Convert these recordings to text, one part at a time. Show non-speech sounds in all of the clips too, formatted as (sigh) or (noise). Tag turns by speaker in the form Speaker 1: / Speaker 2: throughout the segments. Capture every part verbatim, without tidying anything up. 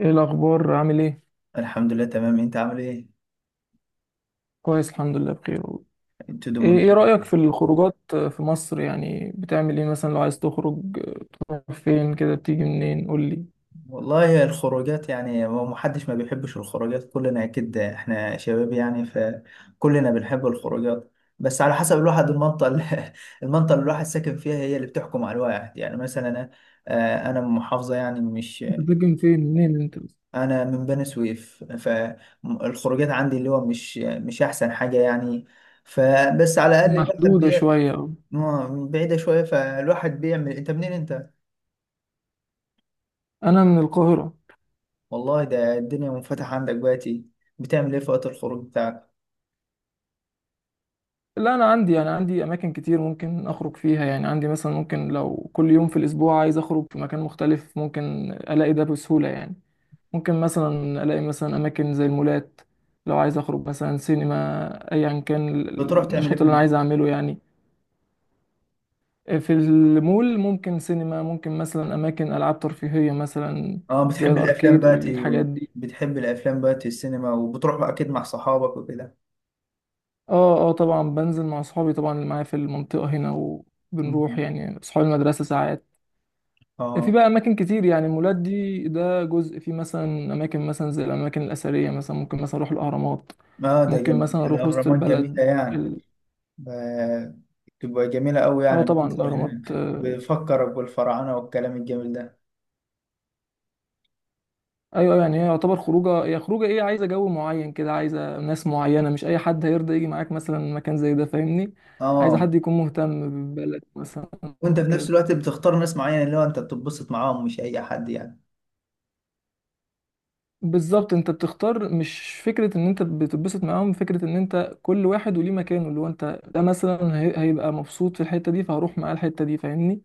Speaker 1: ايه الاخبار؟ عامل ايه؟
Speaker 2: الحمد لله تمام، انت عامل ايه؟
Speaker 1: كويس الحمد لله بخير والله.
Speaker 2: ابتدوا
Speaker 1: ايه
Speaker 2: من.
Speaker 1: إيه رايك في الخروجات في مصر؟ يعني بتعمل ايه مثلا لو عايز تخرج فين كده؟ بتيجي منين؟ قول لي.
Speaker 2: والله الخروجات يعني هو محدش ما بيحبش الخروجات، كلنا اكيد احنا شباب يعني فكلنا بنحب الخروجات. بس على حسب الواحد المنطقة اللي (laughs) المنطقة اللي الواحد ساكن فيها هي اللي بتحكم على الواحد، يعني مثلا انا آه، انا من محافظة، يعني مش
Speaker 1: انت بتسكن فين؟ منين انت؟
Speaker 2: انا من بني سويف، فالخروجات عندي اللي هو مش مش احسن حاجة يعني. فبس على الاقل الواحد
Speaker 1: محدوده
Speaker 2: بي...
Speaker 1: شويه أوي.
Speaker 2: آه، بعيدة شوية، فالواحد بيعمل. انت منين انت؟
Speaker 1: انا من القاهره.
Speaker 2: والله، ده الدنيا منفتحة عندك بقى، تي. بتعمل ايه في وقت الخروج بتاعك؟
Speaker 1: لا انا عندي يعني عندي اماكن كتير ممكن اخرج فيها، يعني عندي مثلا ممكن لو كل يوم في الاسبوع عايز اخرج في مكان مختلف ممكن الاقي ده بسهوله يعني. ممكن مثلا الاقي مثلا اماكن زي المولات، لو عايز اخرج مثلا سينما، ايا كان
Speaker 2: بتروح تعمل ايه
Speaker 1: النشاط
Speaker 2: في
Speaker 1: اللي انا
Speaker 2: الم-؟
Speaker 1: عايز اعمله يعني. في المول ممكن سينما، ممكن مثلا اماكن العاب ترفيهيه مثلا
Speaker 2: اه،
Speaker 1: زي
Speaker 2: بتحب الافلام
Speaker 1: الاركيد
Speaker 2: بقى تي؟
Speaker 1: والحاجات دي.
Speaker 2: بتحب الافلام بقى تي، السينما، وبتروح بقى اكيد مع صحابك وكده؟
Speaker 1: اه اه طبعا بنزل مع اصحابي طبعا، اللي معايا في المنطقه هنا، وبنروح
Speaker 2: مم.
Speaker 1: يعني اصحاب المدرسه ساعات. في
Speaker 2: اه،
Speaker 1: بقى اماكن كتير يعني، المولات دي ده جزء، في مثلا اماكن مثلا زي الاماكن الاثريه مثلا، ممكن مثلا اروح الاهرامات،
Speaker 2: اه، ده
Speaker 1: ممكن
Speaker 2: جميل.
Speaker 1: مثلا اروح وسط
Speaker 2: الاهرامات
Speaker 1: البلد.
Speaker 2: جميلة يعني.
Speaker 1: ال-
Speaker 2: آه. تبقى جميلة قوي، يعني
Speaker 1: اه طبعا
Speaker 2: المنظر
Speaker 1: الاهرامات.
Speaker 2: هناك
Speaker 1: آه،
Speaker 2: بيفكرك بالفراعنة والكلام الجميل ده.
Speaker 1: ايوه أيوة، يعني هي يعتبر خروجه، هي خروجه ايه، عايزه جو معين كده، عايزه ناس معينه، مش اي حد هيرضى يجي معاك مثلا مكان زي ده، فاهمني؟ عايزه
Speaker 2: اه،
Speaker 1: حد يكون مهتم بالبلد مثلا.
Speaker 2: وانت في نفس
Speaker 1: كده
Speaker 2: الوقت بتختار ناس معينة اللي هو انت بتتبسط معاهم، مش اي حد يعني.
Speaker 1: بالظبط، انت بتختار مش فكره ان انت بتتبسط معاهم، فكره ان انت كل واحد وليه مكانه، اللي هو انت ده مثلا هي- هيبقى مبسوط في الحته دي فهروح معاه الحته دي، فاهمني؟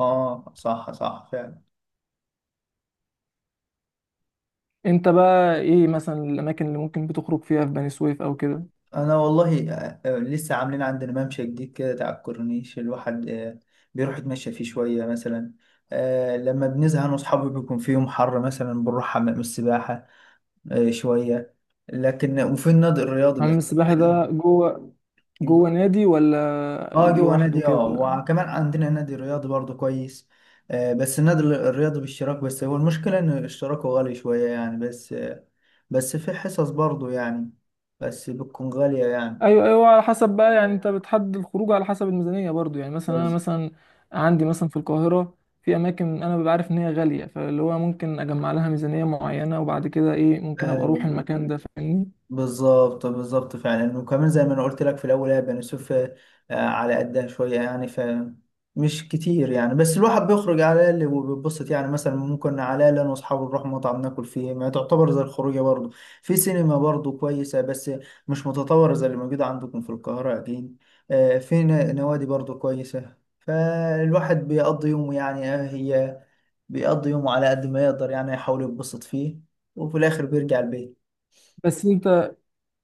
Speaker 2: اه، صح صح فعلا.
Speaker 1: انت بقى ايه مثلا الاماكن اللي ممكن بتخرج فيها في بني سويف او كده؟
Speaker 2: انا والله آه، آه، لسه عاملين عندنا ممشى جديد كده تاع الكورنيش الواحد آه، بيروح يتمشى فيه شويه مثلا. آه، لما بنزهق انا واصحابي بيكون في يوم حر مثلا بنروح حمام السباحه آه، شويه، لكن وفي النادي الرياضي
Speaker 1: حمام
Speaker 2: بس.
Speaker 1: السباحه
Speaker 2: (clears throat)
Speaker 1: ده جوه؟ جوه نادي ولا
Speaker 2: اه، جوه
Speaker 1: لوحده
Speaker 2: نادي، اه
Speaker 1: كده؟
Speaker 2: وكمان عندنا نادي رياضي برضه كويس. آه، بس النادي الرياضي باشتراك، بس هو المشكله ان اشتراكه غالي شويه يعني بس آه، بس في حصص برضه يعني، بس بتكون غاليه يعني.
Speaker 1: ايوه ايوه، على حسب بقى يعني، انت بتحدد الخروج على حسب الميزانيه برضو يعني. مثلا انا
Speaker 2: بس-
Speaker 1: مثلا عندي مثلا في القاهره في اماكن انا ببقى عارف ان هي غاليه، فاللي هو ممكن اجمع لها ميزانيه معينه وبعد كده ايه ممكن ابقى اروح
Speaker 2: آه،
Speaker 1: المكان ده، فاهمني؟
Speaker 2: بالظبط بالظبط فعلا، وكمان زي ما انا قلت لك في الاول، هي بني سويف آه، على قدها شويه يعني ف مش كتير يعني، بس الواحد بيخرج على اللي وبيتبسط، يعني مثلا ممكن على اللي انا واصحابي نروح مطعم ناكل فيه، ما تعتبر زي الخروجه برضه. في سينما برضه كويسه، بس مش متطوره زي اللي موجوده عندكم في القاهره اكيد. آه، في ن- نوادي برضه كويسه، فالواحد بيقضي يومه يعني آه، هي بيقضي يومه على قد ما يقدر، يعني يحاول يتبسط فيه، وفي الاخر بيرجع البيت.
Speaker 1: بس انت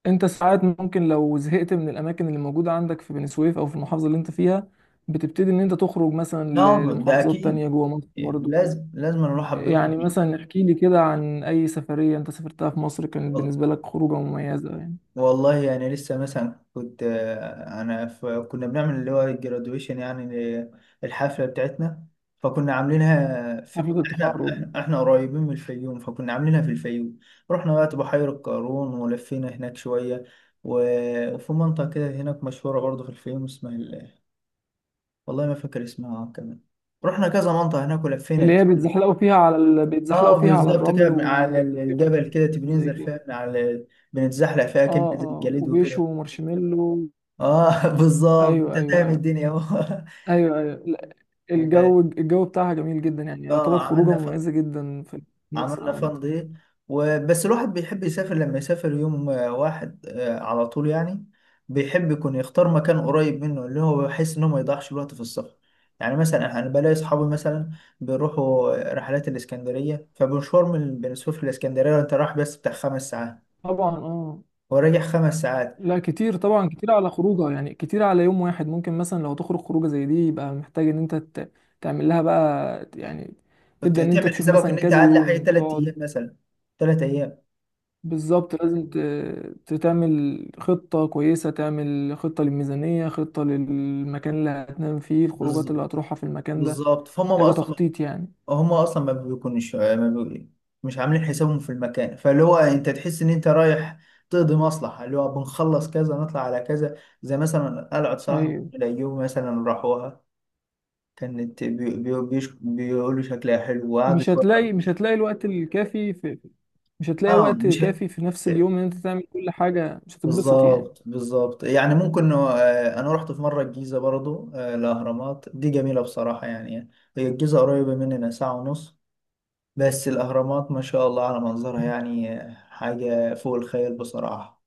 Speaker 1: انت ساعات ممكن لو زهقت من الاماكن اللي موجوده عندك في بني سويف او في المحافظه اللي انت فيها، بتبتدي ان انت تخرج مثلا ل-
Speaker 2: نعم، ده
Speaker 1: لمحافظات تانية
Speaker 2: اكيد
Speaker 1: جوه مصر
Speaker 2: يعني،
Speaker 1: برضو.
Speaker 2: لازم لازم نروح حب
Speaker 1: يعني
Speaker 2: يخرج.
Speaker 1: مثلا احكي لي كده عن اي سفريه انت سافرتها في مصر كانت
Speaker 2: وال-
Speaker 1: بالنسبه لك خروجه مميزه يعني.
Speaker 2: والله يعني لسه مثلا كنت آه، انا في كنا بنعمل اللي هو الجرادويشن يعني. ل- الحفله بتاعتنا، فكنا عاملينها في
Speaker 1: حفله
Speaker 2: احنا
Speaker 1: التخرج
Speaker 2: احنا إحنا قريبين من الفيوم، فكنا عاملينها في الفيوم. رحنا بقى بحيره قارون، ولفينا هناك شويه، و- وفي منطقه كده هناك مشهوره برضه في الفيوم اسمها ال-، والله ما فاكر اسمها كمان. رحنا كذا منطقه هناك ولفينا
Speaker 1: اللي هي
Speaker 2: كتير.
Speaker 1: بيتزحلقوا فيها على ال... بيتزحلقوا
Speaker 2: اه،
Speaker 1: فيها على
Speaker 2: بالظبط
Speaker 1: الرمل
Speaker 2: كده، من على ال-
Speaker 1: وبيعملوا فيها أنشطة
Speaker 2: الجبل كده تبي
Speaker 1: زي
Speaker 2: ننزل
Speaker 1: كده.
Speaker 2: فيها من على ال-، بنتزحلق فيها
Speaker 1: اه
Speaker 2: كده زي
Speaker 1: اه
Speaker 2: الجليد وكده.
Speaker 1: وبيشوا مارشميلو.
Speaker 2: اه (laughs) بالظبط، انت
Speaker 1: ايوه ايوه
Speaker 2: فاهم
Speaker 1: ايوه.
Speaker 2: الدنيا اهو.
Speaker 1: ايوه ايوه لا،
Speaker 2: (laughs) و-
Speaker 1: الجو الجو بتاعها جميل جدا، يعني
Speaker 2: اه
Speaker 1: يعتبر خروجه
Speaker 2: عملنا ف...
Speaker 1: مميزه جدا في مصر
Speaker 2: عملنا
Speaker 1: عامه.
Speaker 2: فن دي. وبس الواحد بيحب يسافر، لما يسافر يوم آه، واحد آه، على طول يعني. بيحب يكون يختار مكان قريب منه، اللي هو بحيث انه ما يضيعش الوقت في السفر. يعني مثلا انا بلاقي اصحابي مثلا بيروحوا رحلات الاسكندريه، فمشوار من بين سويف للاسكندريه انت رايح بس بتاع خمس ساعات،
Speaker 1: طبعا اه.
Speaker 2: هو راجع خمس ساعات.
Speaker 1: لا كتير طبعا، كتير على خروجه يعني، كتير على يوم واحد. ممكن مثلا لو تخرج خروجه زي دي يبقى محتاج ان انت ت- تعمل لها بقى يعني،
Speaker 2: فبت-
Speaker 1: تبدا ان انت
Speaker 2: تعمل
Speaker 1: تشوف
Speaker 2: حسابك
Speaker 1: مثلا
Speaker 2: ان انت
Speaker 1: كذا
Speaker 2: اقل حاجه
Speaker 1: يوم
Speaker 2: ثلاث ايام
Speaker 1: تقعد.
Speaker 2: مثلا، ثلاث ايام.
Speaker 1: بالظبط، لازم ت- تعمل خطة كويسة، تعمل خطة للميزانية، خطة للمكان اللي هتنام فيه، الخروجات
Speaker 2: بالظ-
Speaker 1: اللي هتروحها في المكان ده.
Speaker 2: بالظبط، فهم بقى
Speaker 1: محتاجة
Speaker 2: اصلا
Speaker 1: تخطيط يعني.
Speaker 2: هم اصلا ما بيكونش ما بي... مش عاملين حسابهم في المكان، فاللي هو انت تحس ان انت رايح تقضي مصلحه، اللي هو بنخلص كذا نطلع على كذا، زي مثلا قلعه صلاح
Speaker 1: أيوة.
Speaker 2: الدين الايوبي مثلا راحوها، كانت بي... بي... بيش... بيقولوا شكلها حلو وقعدوا
Speaker 1: مش
Speaker 2: شويه.
Speaker 1: هتلاقي مش هتلاقي الوقت الكافي في مش هتلاقي
Speaker 2: اه،
Speaker 1: وقت
Speaker 2: مش،
Speaker 1: كافي في نفس اليوم إن أنت تعمل كل حاجة، مش هتتبسط يعني.
Speaker 2: بالظبط بالظبط يعني، ممكن آه، انا رحت في مره الجيزه برضو آه، الاهرامات دي جميله بصراحه يعني. هي الجيزه قريبه مننا ساعه ونص، بس الاهرامات ما شاء الله على منظرها، يعني آه، حاجه فوق الخيال بصراحه.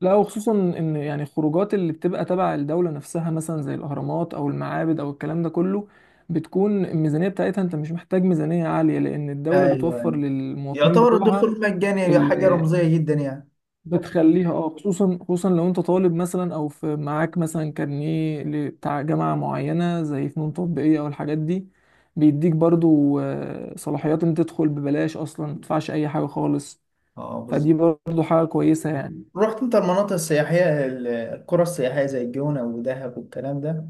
Speaker 1: لا وخصوصا ان يعني الخروجات اللي بتبقى تبع الدولة نفسها مثلا زي الاهرامات او المعابد او الكلام ده كله، بتكون الميزانية بتاعتها انت مش محتاج ميزانية عالية لان الدولة
Speaker 2: ايوه،
Speaker 1: بتوفر
Speaker 2: أيوة.
Speaker 1: للمواطنين
Speaker 2: يعتبر
Speaker 1: بتوعها.
Speaker 2: الدخول مجاني، حاجه
Speaker 1: ال-
Speaker 2: رمزيه جدا يعني.
Speaker 1: بتخليها اه، خصوصا خصوصا لو انت طالب مثلا او في معاك مثلا كارنيه ل- بتاع جامعه معينه زي فنون تطبيقيه او الحاجات دي، بيديك برضو آه، صلاحيات ان تدخل ببلاش اصلا، ما تدفعش اي حاجه خالص.
Speaker 2: اه، بالظبط.
Speaker 1: فدي برضو حاجه كويسه يعني.
Speaker 2: رحت انت المناطق السياحيه ال- القرى السياحيه زي الجونه ودهب والكلام ده؟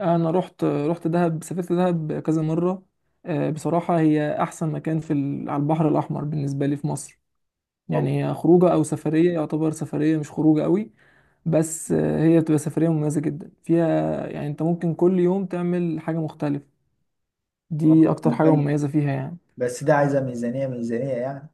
Speaker 1: انا رحت رحت دهب، سافرت دهب كذا مره. آه، بصراحه هي احسن مكان في ال- على البحر الاحمر بالنسبه لي في مصر
Speaker 2: والله
Speaker 1: يعني. هي خروجه او سفريه، يعتبر سفريه مش خروجه قوي. بس آه، هي بتبقى سفريه مميزه جدا، فيها يعني انت ممكن كل يوم تعمل حاجه مختلفه.
Speaker 2: آه،
Speaker 1: دي اكتر حاجه مميزه فيها يعني.
Speaker 2: بس ده عايزه ميزانيه ميزانيه يعني.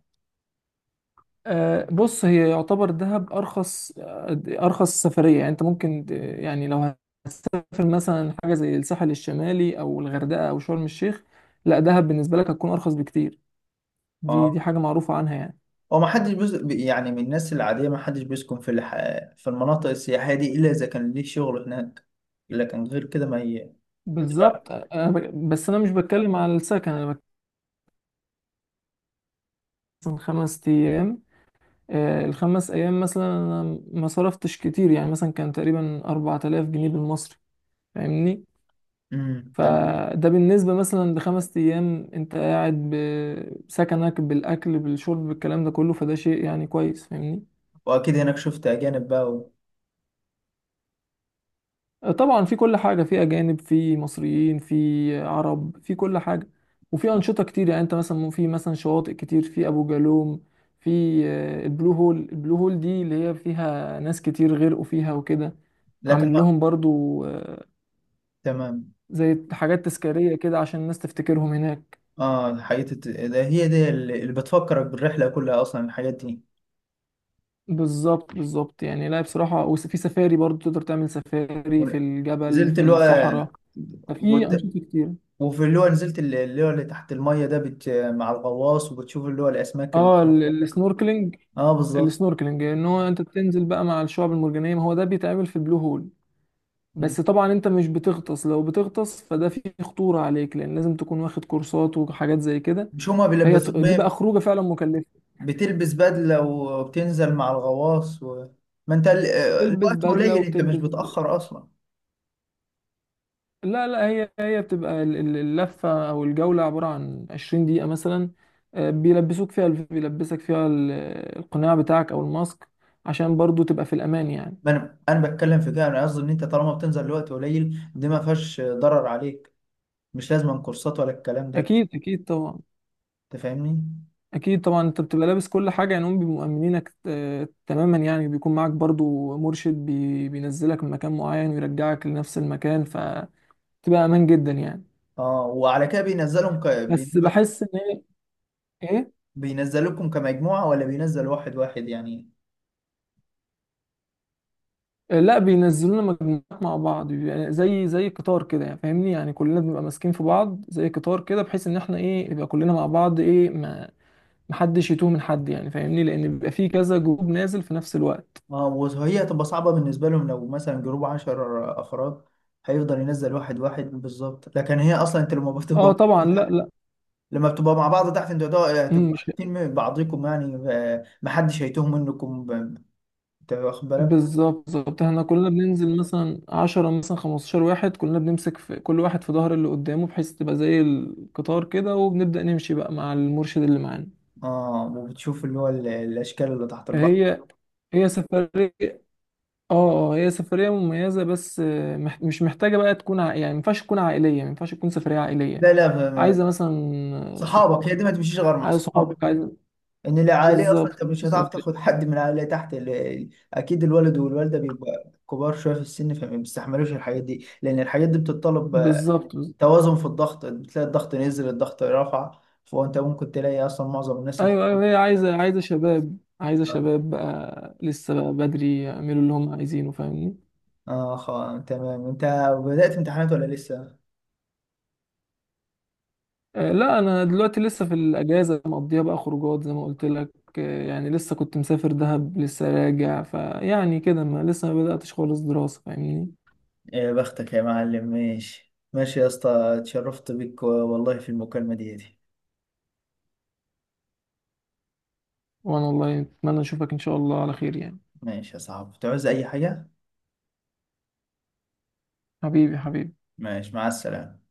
Speaker 1: آه، بص هي يعتبر دهب ارخص، آه، ارخص سفريه يعني. انت ممكن ت- يعني لو هتسافر مثلا حاجه زي الساحل الشمالي او الغردقه او شرم الشيخ، لا دهب بالنسبه لك هتكون ارخص بكتير. دي
Speaker 2: اه،
Speaker 1: دي حاجه معروفه عنها يعني.
Speaker 2: هو ما حدش بيس... يعني من الناس العادية ما حدش بيسكن في الح... في المناطق السياحية دي إلا إذا كان ليه شغل هناك. لكن غير كده ما ي... لا،
Speaker 1: بالظبط، أنا ب- بس انا مش بتكلم على السكن، انا بتكلم خمس ايام. آه، الخمس أيام مثلا أنا ما صرفتش كتير يعني، مثلا كان تقريبا أربعة آلاف جنيه بالمصري، فاهمني؟
Speaker 2: امم تمام.
Speaker 1: فده بالنسبة مثلا لخمس أيام أنت قاعد بسكنك بالأكل بالشرب بالكلام ده كله، فده شيء يعني كويس، فاهمني؟
Speaker 2: وأكيد هناك شفت أجانب بقى و...
Speaker 1: طبعا في كل حاجة، في أجانب في مصريين في عرب في كل حاجة. وفي أنشطة كتير يعني، أنت مثلا في مثلا شواطئ كتير، في أبو جالوم، في آه، البلو هول. البلو هول دي اللي هي فيها ناس كتير غرقوا فيها وكده،
Speaker 2: لكن
Speaker 1: عاملين
Speaker 2: لا،
Speaker 1: لهم برضو آه،
Speaker 2: تمام.
Speaker 1: زي حاجات تذكارية كده عشان الناس تفتكرهم هناك.
Speaker 2: اه، الحاجات الت- ده هي دي اللي اللي بتفكرك بالرحلة كلها أصلا، الحاجات دي.
Speaker 1: بالظبط بالظبط، يعني لا بصراحة، وفي سفاري برضو تقدر تعمل سفاري في الجبل
Speaker 2: نزلت
Speaker 1: في
Speaker 2: اللي هو
Speaker 1: الصحراء، ففي
Speaker 2: وت-
Speaker 1: أنشطة كتير.
Speaker 2: وفي اللي هو نزلت اللي اللي هو اللي تحت المية ده بت... مع الغواص، وبتشوف اللي هو الأسماك اللي...
Speaker 1: اه ال- السنوركلينج.
Speaker 2: اه، بالظبط.
Speaker 1: السنوركلينج ان هو انت بتنزل بقى مع الشعب المرجانيه، ما هو ده بيتعمل في البلو هول.
Speaker 2: مم.
Speaker 1: بس طبعا انت مش بتغطس، لو بتغطس فده فيه خطوره عليك لان لازم تكون واخد كورسات وحاجات زي كده.
Speaker 2: مش هما
Speaker 1: فهي
Speaker 2: بيلبسوك
Speaker 1: ت- دي بقى
Speaker 2: بقى؟
Speaker 1: خروجه فعلا مكلفه.
Speaker 2: بتلبس بدلة وبتنزل مع الغواص و... ما انت ال-
Speaker 1: بتلبس
Speaker 2: الوقت
Speaker 1: بدله
Speaker 2: قليل، انت مش
Speaker 1: وبتلبس،
Speaker 2: بتأخر اصلا.
Speaker 1: لا لا، هي هي بتبقى ال- ال- اللفه او الجوله عباره عن عشرين دقيقه مثلا. آه، بيلبسوك فيها الف- بيلبسك فيها ال- القناع بتاعك او الماسك عشان برضو تبقى في الامان يعني.
Speaker 2: ما انا انا بتكلم في كده، انا قصدي ان انت طالما بتنزل الوقت قليل، دي ما فيهاش ضرر عليك. مش لازم كورسات ولا الكلام ده،
Speaker 1: اكيد اكيد طبعا.
Speaker 2: انت فاهمني.
Speaker 1: اكيد طبعا، انت بتبقى لابس كل حاجه يعني، هم بيبقوا مأمنينك آه، تماما يعني، بيكون معاك برضو مرشد بي- بينزلك من مكان معين ويرجعك لنفس المكان، فتبقى امان جدا يعني.
Speaker 2: اه، وعلى كده بينزلهم ك...
Speaker 1: بس
Speaker 2: بينزل
Speaker 1: بحس ان هي ايه.
Speaker 2: بينزلوكم كمجموعة ولا بينزل واحد واحد يعني؟
Speaker 1: آه، لا بينزلونا مجموعات مع بعض، يعني زي زي قطار كده يعني، فاهمني؟ يعني كلنا بنبقى ماسكين في بعض زي قطار كده، بحيث ان احنا ايه يبقى كلنا مع بعض ايه، ما محدش يتوه من حد يعني، فاهمني؟ لان بيبقى في كذا جروب نازل في نفس الوقت.
Speaker 2: اه، وهي هتبقى صعبة بالنسبة لهم لو مثلا جروب عشر افراد، هيفضل ينزل واحد واحد بالظبط. لكن هي اصلا انت لما
Speaker 1: اه
Speaker 2: بتبقى
Speaker 1: طبعا لا
Speaker 2: (laughs)
Speaker 1: لا.
Speaker 2: لما بتبقى مع بعض تحت انتوا هتبقوا
Speaker 1: مم،
Speaker 2: هتبقوا
Speaker 1: مش
Speaker 2: عارفين من بعضكم يعني آه، محدش هيتوه منكم ب- انت واخد بالك.
Speaker 1: بالظبط، بالظبط احنا كلنا بننزل مثلا عشرة مثلا خمستاشر واحد، كلنا بنمسك في كل واحد في ظهر اللي قدامه، بحيث تبقى زي القطار كده، وبنبدأ نمشي بقى مع المرشد اللي معانا.
Speaker 2: اه، وبتشوف اللي هو ال- الاشكال اللي تحت البحر.
Speaker 1: هي هي سفرية. اه اه، هي سفرية مميزة، بس آه، مح- مش محتاجة بقى تكون ع... يعني مينفعش تكون عائلية، مينفعش تكون سفرية عائلية.
Speaker 2: لا، لا، ما-
Speaker 1: عايزة
Speaker 2: ما-
Speaker 1: مثلا
Speaker 2: صحابك، هي
Speaker 1: صحابك،
Speaker 2: دي ما تمشيش غير مع
Speaker 1: عايز
Speaker 2: صحابك.
Speaker 1: صحابك عايز
Speaker 2: ان العائليه اصلا
Speaker 1: بالظبط
Speaker 2: انت مش هتعرف
Speaker 1: بالظبط
Speaker 2: تاخد حد من العائليه تحت ال- ال- اكيد الولد والوالده بيبقى كبار شويه في السن، فما بيستحملوش الحاجات دي، لان الحاجات دي بتتطلب آه،
Speaker 1: بالظبط.
Speaker 2: توازن في الضغط، بتلاقي الضغط نزل الضغط رفع، فانت ممكن تلاقي اصلا معظم الناس اللي
Speaker 1: ايوه ايوه، هي عايزه عايزه شباب، عايزه شباب بقى لسه بقى بدري يعملوا اللي هم عايزينه، فاهمني؟
Speaker 2: اه، خ... تمام، انت بدأت امتحانات ولا لسه؟
Speaker 1: آه لا، انا دلوقتي لسه في الاجازه مقضيها بقى خروجات زي ما قلت لك. آه يعني لسه كنت مسافر دهب لسه راجع، فيعني كده ما لسه ما بداتش خالص دراسه، فاهمني؟
Speaker 2: يا بختك يا معلم، ماشي ماشي يا اسطى. اتشرفت بك والله في المكالمة دي دي
Speaker 1: وانا والله اتمنى اشوفك ان شاء الله على خير يعني.
Speaker 2: ماشي يا صاحبي، تعوز أي حاجة؟
Speaker 1: حبيبي حبيبي.
Speaker 2: ماشي، مع السلامة.